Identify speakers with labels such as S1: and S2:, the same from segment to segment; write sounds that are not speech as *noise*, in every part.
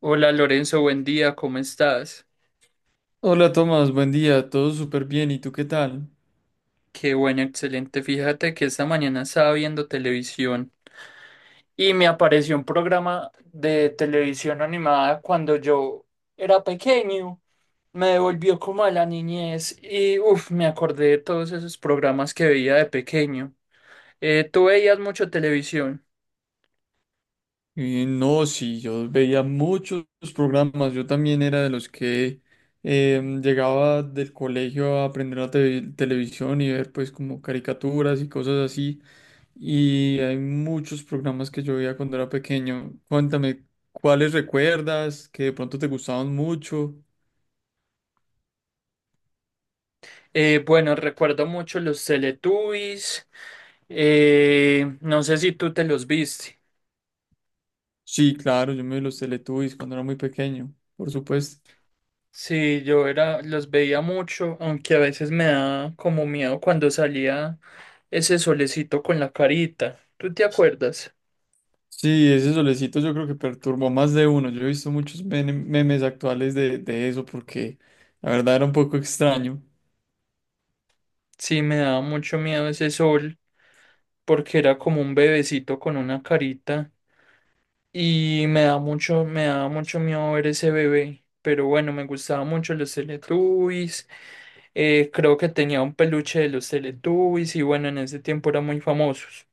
S1: Hola Lorenzo, buen día, ¿cómo estás?
S2: Hola Tomás, buen día, todo súper bien, ¿y tú qué tal?
S1: Qué bueno, excelente. Fíjate que esta mañana estaba viendo televisión y me apareció un programa de televisión animada cuando yo era pequeño. Me devolvió como a la niñez y uff, me acordé de todos esos programas que veía de pequeño. ¿Tú veías mucho televisión?
S2: No, sí, yo veía muchos programas. Yo también era de los que llegaba del colegio a aprender la televisión y ver pues como caricaturas y cosas así, y hay muchos programas que yo veía cuando era pequeño. Cuéntame, ¿cuáles recuerdas que de pronto te gustaban mucho?
S1: Bueno, recuerdo mucho los Teletubbies. No sé si tú te los viste.
S2: Sí, claro, yo me vi los Teletubbies cuando era muy pequeño, por supuesto.
S1: Sí, yo era, los veía mucho, aunque a veces me da como miedo cuando salía ese solecito con la carita. ¿Tú te acuerdas?
S2: Sí, ese solecito yo creo que perturbó a más de uno. Yo he visto muchos memes actuales de eso porque la verdad era un poco extraño.
S1: Sí, me daba mucho miedo ese sol porque era como un bebecito con una carita y me da mucho, me daba mucho miedo ver ese bebé. Pero bueno, me gustaba mucho los Teletubbies. Creo que tenía un peluche de los Teletubbies y bueno, en ese tiempo eran muy famosos.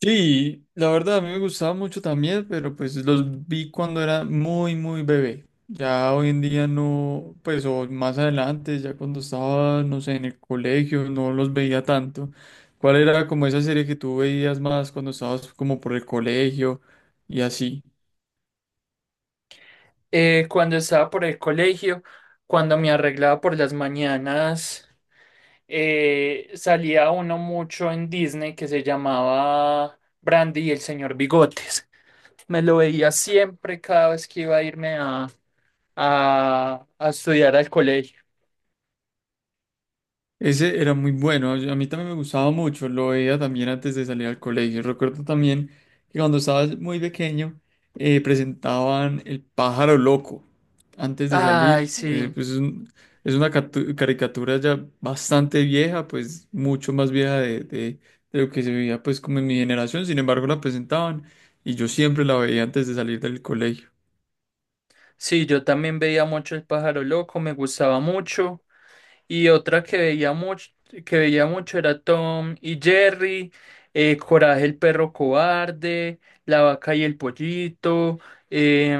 S2: Sí, la verdad a mí me gustaba mucho también, pero pues los vi cuando era muy, muy bebé. Ya hoy en día no, pues o más adelante, ya cuando estaba, no sé, en el colegio, no los veía tanto. ¿Cuál era como esa serie que tú veías más cuando estabas como por el colegio y así?
S1: Cuando estaba por el colegio, cuando me arreglaba por las mañanas, salía uno mucho en Disney que se llamaba Brandy y el señor Bigotes. Me lo veía siempre cada vez que iba a irme a estudiar al colegio.
S2: Ese era muy bueno, a mí también me gustaba mucho, lo veía también antes de salir al colegio. Recuerdo también que cuando estaba muy pequeño presentaban El pájaro loco antes de
S1: Ay,
S2: salir.
S1: sí.
S2: Es una caricatura ya bastante vieja, pues mucho más vieja de lo que se veía pues como en mi generación. Sin embargo, la presentaban y yo siempre la veía antes de salir del colegio.
S1: Sí, yo también veía mucho El pájaro loco, me gustaba mucho. Y otra que veía mucho, era Tom y Jerry, Coraje el perro cobarde, La vaca y el pollito, eh,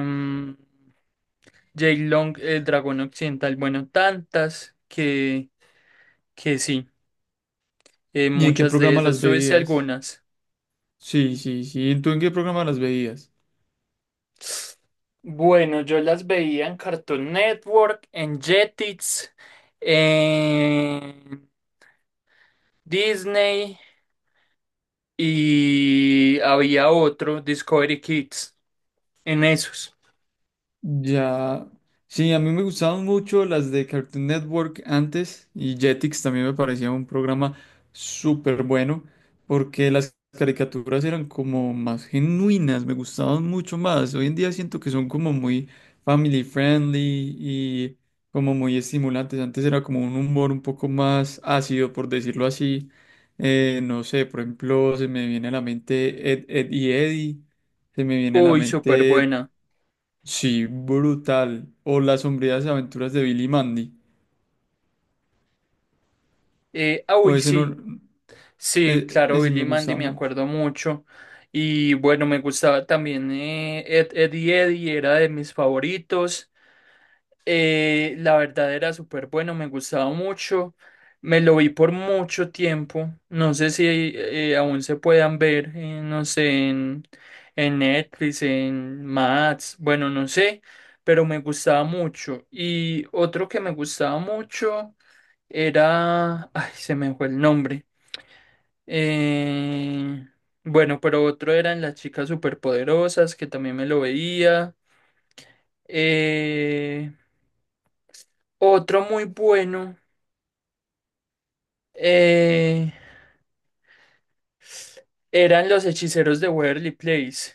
S1: Jake Long, el dragón occidental, bueno, tantas que sí,
S2: ¿Y en qué
S1: muchas de
S2: programa
S1: esas,
S2: las
S1: súbese
S2: veías?
S1: algunas.
S2: Sí, sí, sí. ¿Tú en qué programa las veías?
S1: Bueno, yo las veía en Cartoon Network, en Jetix, Disney y había otro, Discovery Kids, en esos.
S2: Ya. Sí, a mí me gustaban mucho las de Cartoon Network antes, y Jetix también me parecía un programa súper bueno porque las caricaturas eran como más genuinas, me gustaban mucho más. Hoy en día siento que son como muy family friendly y como muy estimulantes. Antes era como un humor un poco más ácido, por decirlo así. No sé, por ejemplo, se me viene a la mente Ed, Ed y Eddie, se me viene a la
S1: Uy, súper
S2: mente.
S1: buena.
S2: Sí, brutal. O Las sombrías aventuras de Billy y Mandy. O
S1: Uy,
S2: ese no,
S1: sí, sí, claro,
S2: ese
S1: Billy y
S2: me
S1: Mandy
S2: gustaba
S1: me
S2: mucho.
S1: acuerdo mucho. Y bueno, me gustaba también Ed, Edd y Eddie, era de mis favoritos. La verdad era súper bueno, me gustaba mucho. Me lo vi por mucho tiempo. No sé si aún se puedan ver, no sé, en Netflix, en Max, bueno, no sé, pero me gustaba mucho. Y otro que me gustaba mucho era... Ay, se me fue el nombre. Eh, bueno, pero otro eran las chicas superpoderosas, que también me lo veía. Eh, Otro muy bueno eh, eran los hechiceros de Waverly Place.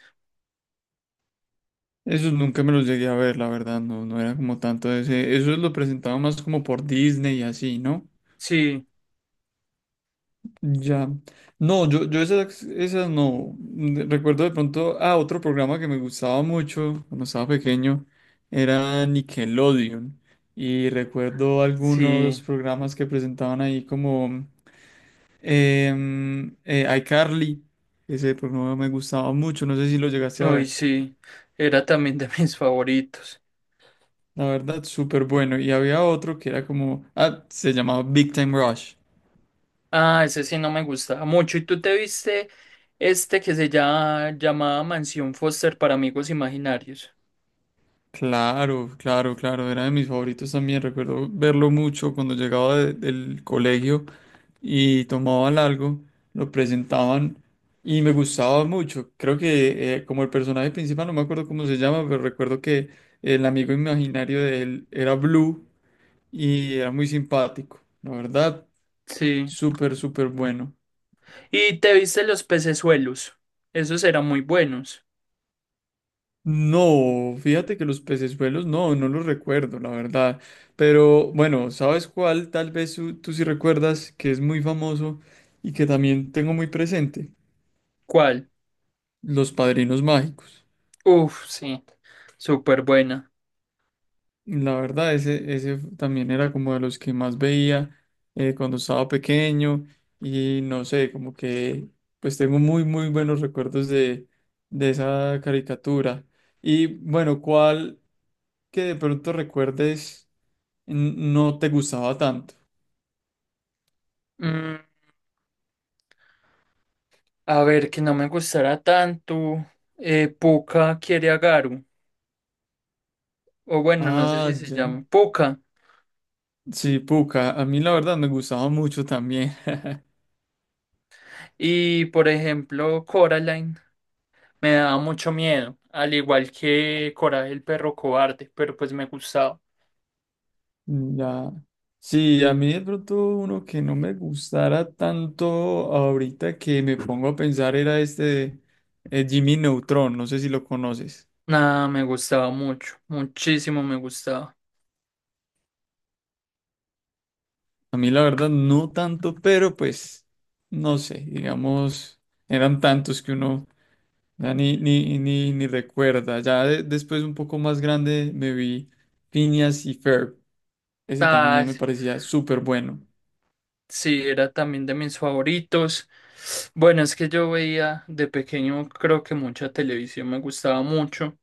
S2: Esos nunca me los llegué a ver, la verdad, no, no era como tanto de ese. Eso lo presentaba más como por Disney y así, ¿no?
S1: Sí,
S2: Ya. No, yo esas, esas no. Recuerdo de pronto, ah, otro programa que me gustaba mucho cuando estaba pequeño era Nickelodeon. Y recuerdo
S1: sí,
S2: algunos programas que presentaban ahí como iCarly, ese programa me gustaba mucho, no sé si lo llegaste a
S1: uy,
S2: ver.
S1: sí, era también de *laughs* mis favoritos.
S2: La verdad, súper bueno. Y había otro que era como, ah, se llamaba Big Time Rush.
S1: Ah, ese sí no me gustaba mucho. ¿Y tú te viste este que se llama, llamaba Mansión Foster para amigos imaginarios?
S2: Claro, claro, claro, era de mis favoritos también. Recuerdo verlo mucho cuando llegaba del colegio y tomaban algo, lo presentaban y me gustaba mucho. Creo que como el personaje principal, no me acuerdo cómo se llama, pero recuerdo que el amigo imaginario de él era Blue y era muy simpático, la verdad,
S1: Sí.
S2: súper, súper bueno.
S1: Y te viste los pecesuelos. Esos eran muy buenos.
S2: No, fíjate que los pecesuelos no, no los recuerdo, la verdad. Pero bueno, ¿sabes cuál? Tal vez tú sí recuerdas que es muy famoso y que también tengo muy presente,
S1: ¿Cuál?
S2: los padrinos mágicos.
S1: Uf, sí, súper buena.
S2: La verdad, ese también era como de los que más veía cuando estaba pequeño y no sé, como que pues tengo muy, muy buenos recuerdos de esa caricatura. Y bueno, ¿cuál que de pronto recuerdes no te gustaba tanto?
S1: Mm, a ver, que no me gustará tanto. Puka quiere a Garu. O bueno, no sé
S2: Ah,
S1: si se
S2: ya.
S1: llama Puka.
S2: Sí, Puka, a mí la verdad me gustaba mucho también.
S1: Y por ejemplo, Coraline me daba mucho miedo. Al igual que Coraje el perro cobarde. Pero pues me gustaba.
S2: Ya. Sí, a mí de pronto uno que no me gustara tanto ahorita que me pongo a pensar era este Jimmy Neutron, no sé si lo conoces.
S1: Nada, me gustaba mucho. Muchísimo me gustaba.
S2: A mí la verdad no tanto, pero pues no sé, digamos, eran tantos que uno ya ni, ni, ni, ni recuerda. Ya después un poco más grande me vi Phineas y Ferb, ese
S1: Ah,
S2: también me parecía súper bueno.
S1: sí, era también de mis favoritos. Bueno, es que yo veía de pequeño, creo que mucha televisión me gustaba mucho.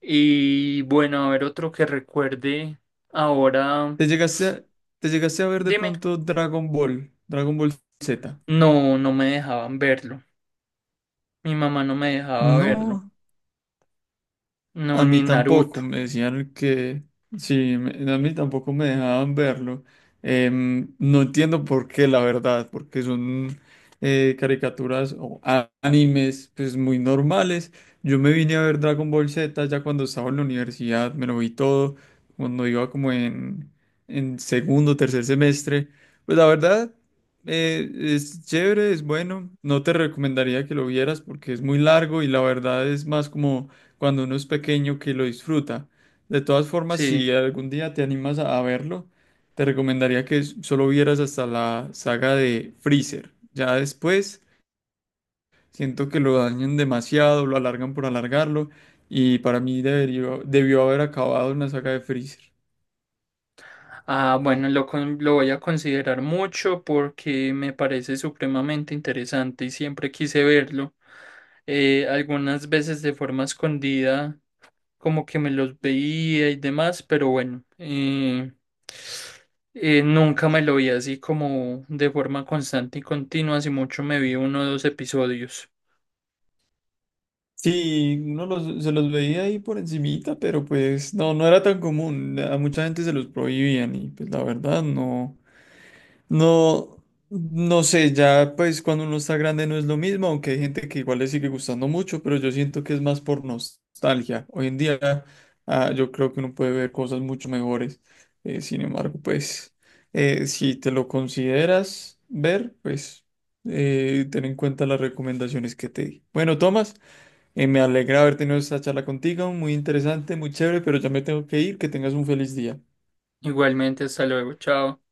S1: Y bueno, a ver otro que recuerde ahora,
S2: ¿Te llegaste a, te llegaste a ver de
S1: dime,
S2: pronto Dragon Ball, Dragon Ball Z?
S1: no, no me dejaban verlo. Mi mamá no me dejaba verlo.
S2: No,
S1: No,
S2: a mí
S1: ni
S2: tampoco.
S1: Naruto.
S2: Me decían que sí, a mí tampoco me dejaban verlo. No entiendo por qué, la verdad, porque son caricaturas o animes pues muy normales. Yo me vine a ver Dragon Ball Z ya cuando estaba en la universidad, me lo vi todo, cuando iba como en segundo, tercer semestre. Pues la verdad, es chévere, es bueno. No te recomendaría que lo vieras porque es muy largo y la verdad es más como cuando uno es pequeño que lo disfruta. De todas formas,
S1: Sí.
S2: si algún día te animas a verlo, te recomendaría que solo vieras hasta la saga de Freezer. Ya después siento que lo dañan demasiado, lo alargan por alargarlo y para mí debió haber acabado en la saga de Freezer.
S1: Ah, bueno, lo, lo voy a considerar mucho porque me parece supremamente interesante y siempre quise verlo. Algunas veces de forma escondida como que me los veía y demás, pero bueno, nunca me lo vi así como de forma constante y continua, así mucho me vi uno o dos episodios.
S2: Sí, uno se los veía ahí por encimita, pero pues no, no era tan común. A mucha gente se los prohibían y pues la verdad no. No, no sé, ya pues cuando uno está grande no es lo mismo, aunque hay gente que igual le sigue gustando mucho, pero yo siento que es más por nostalgia. Hoy en día yo creo que uno puede ver cosas mucho mejores. Sin embargo, pues si te lo consideras ver, pues ten en cuenta las recomendaciones que te di. Bueno, Tomás, me alegra haber tenido esta charla contigo, muy interesante, muy chévere, pero ya me tengo que ir, que tengas un feliz día.
S1: Igualmente, hasta luego, chao.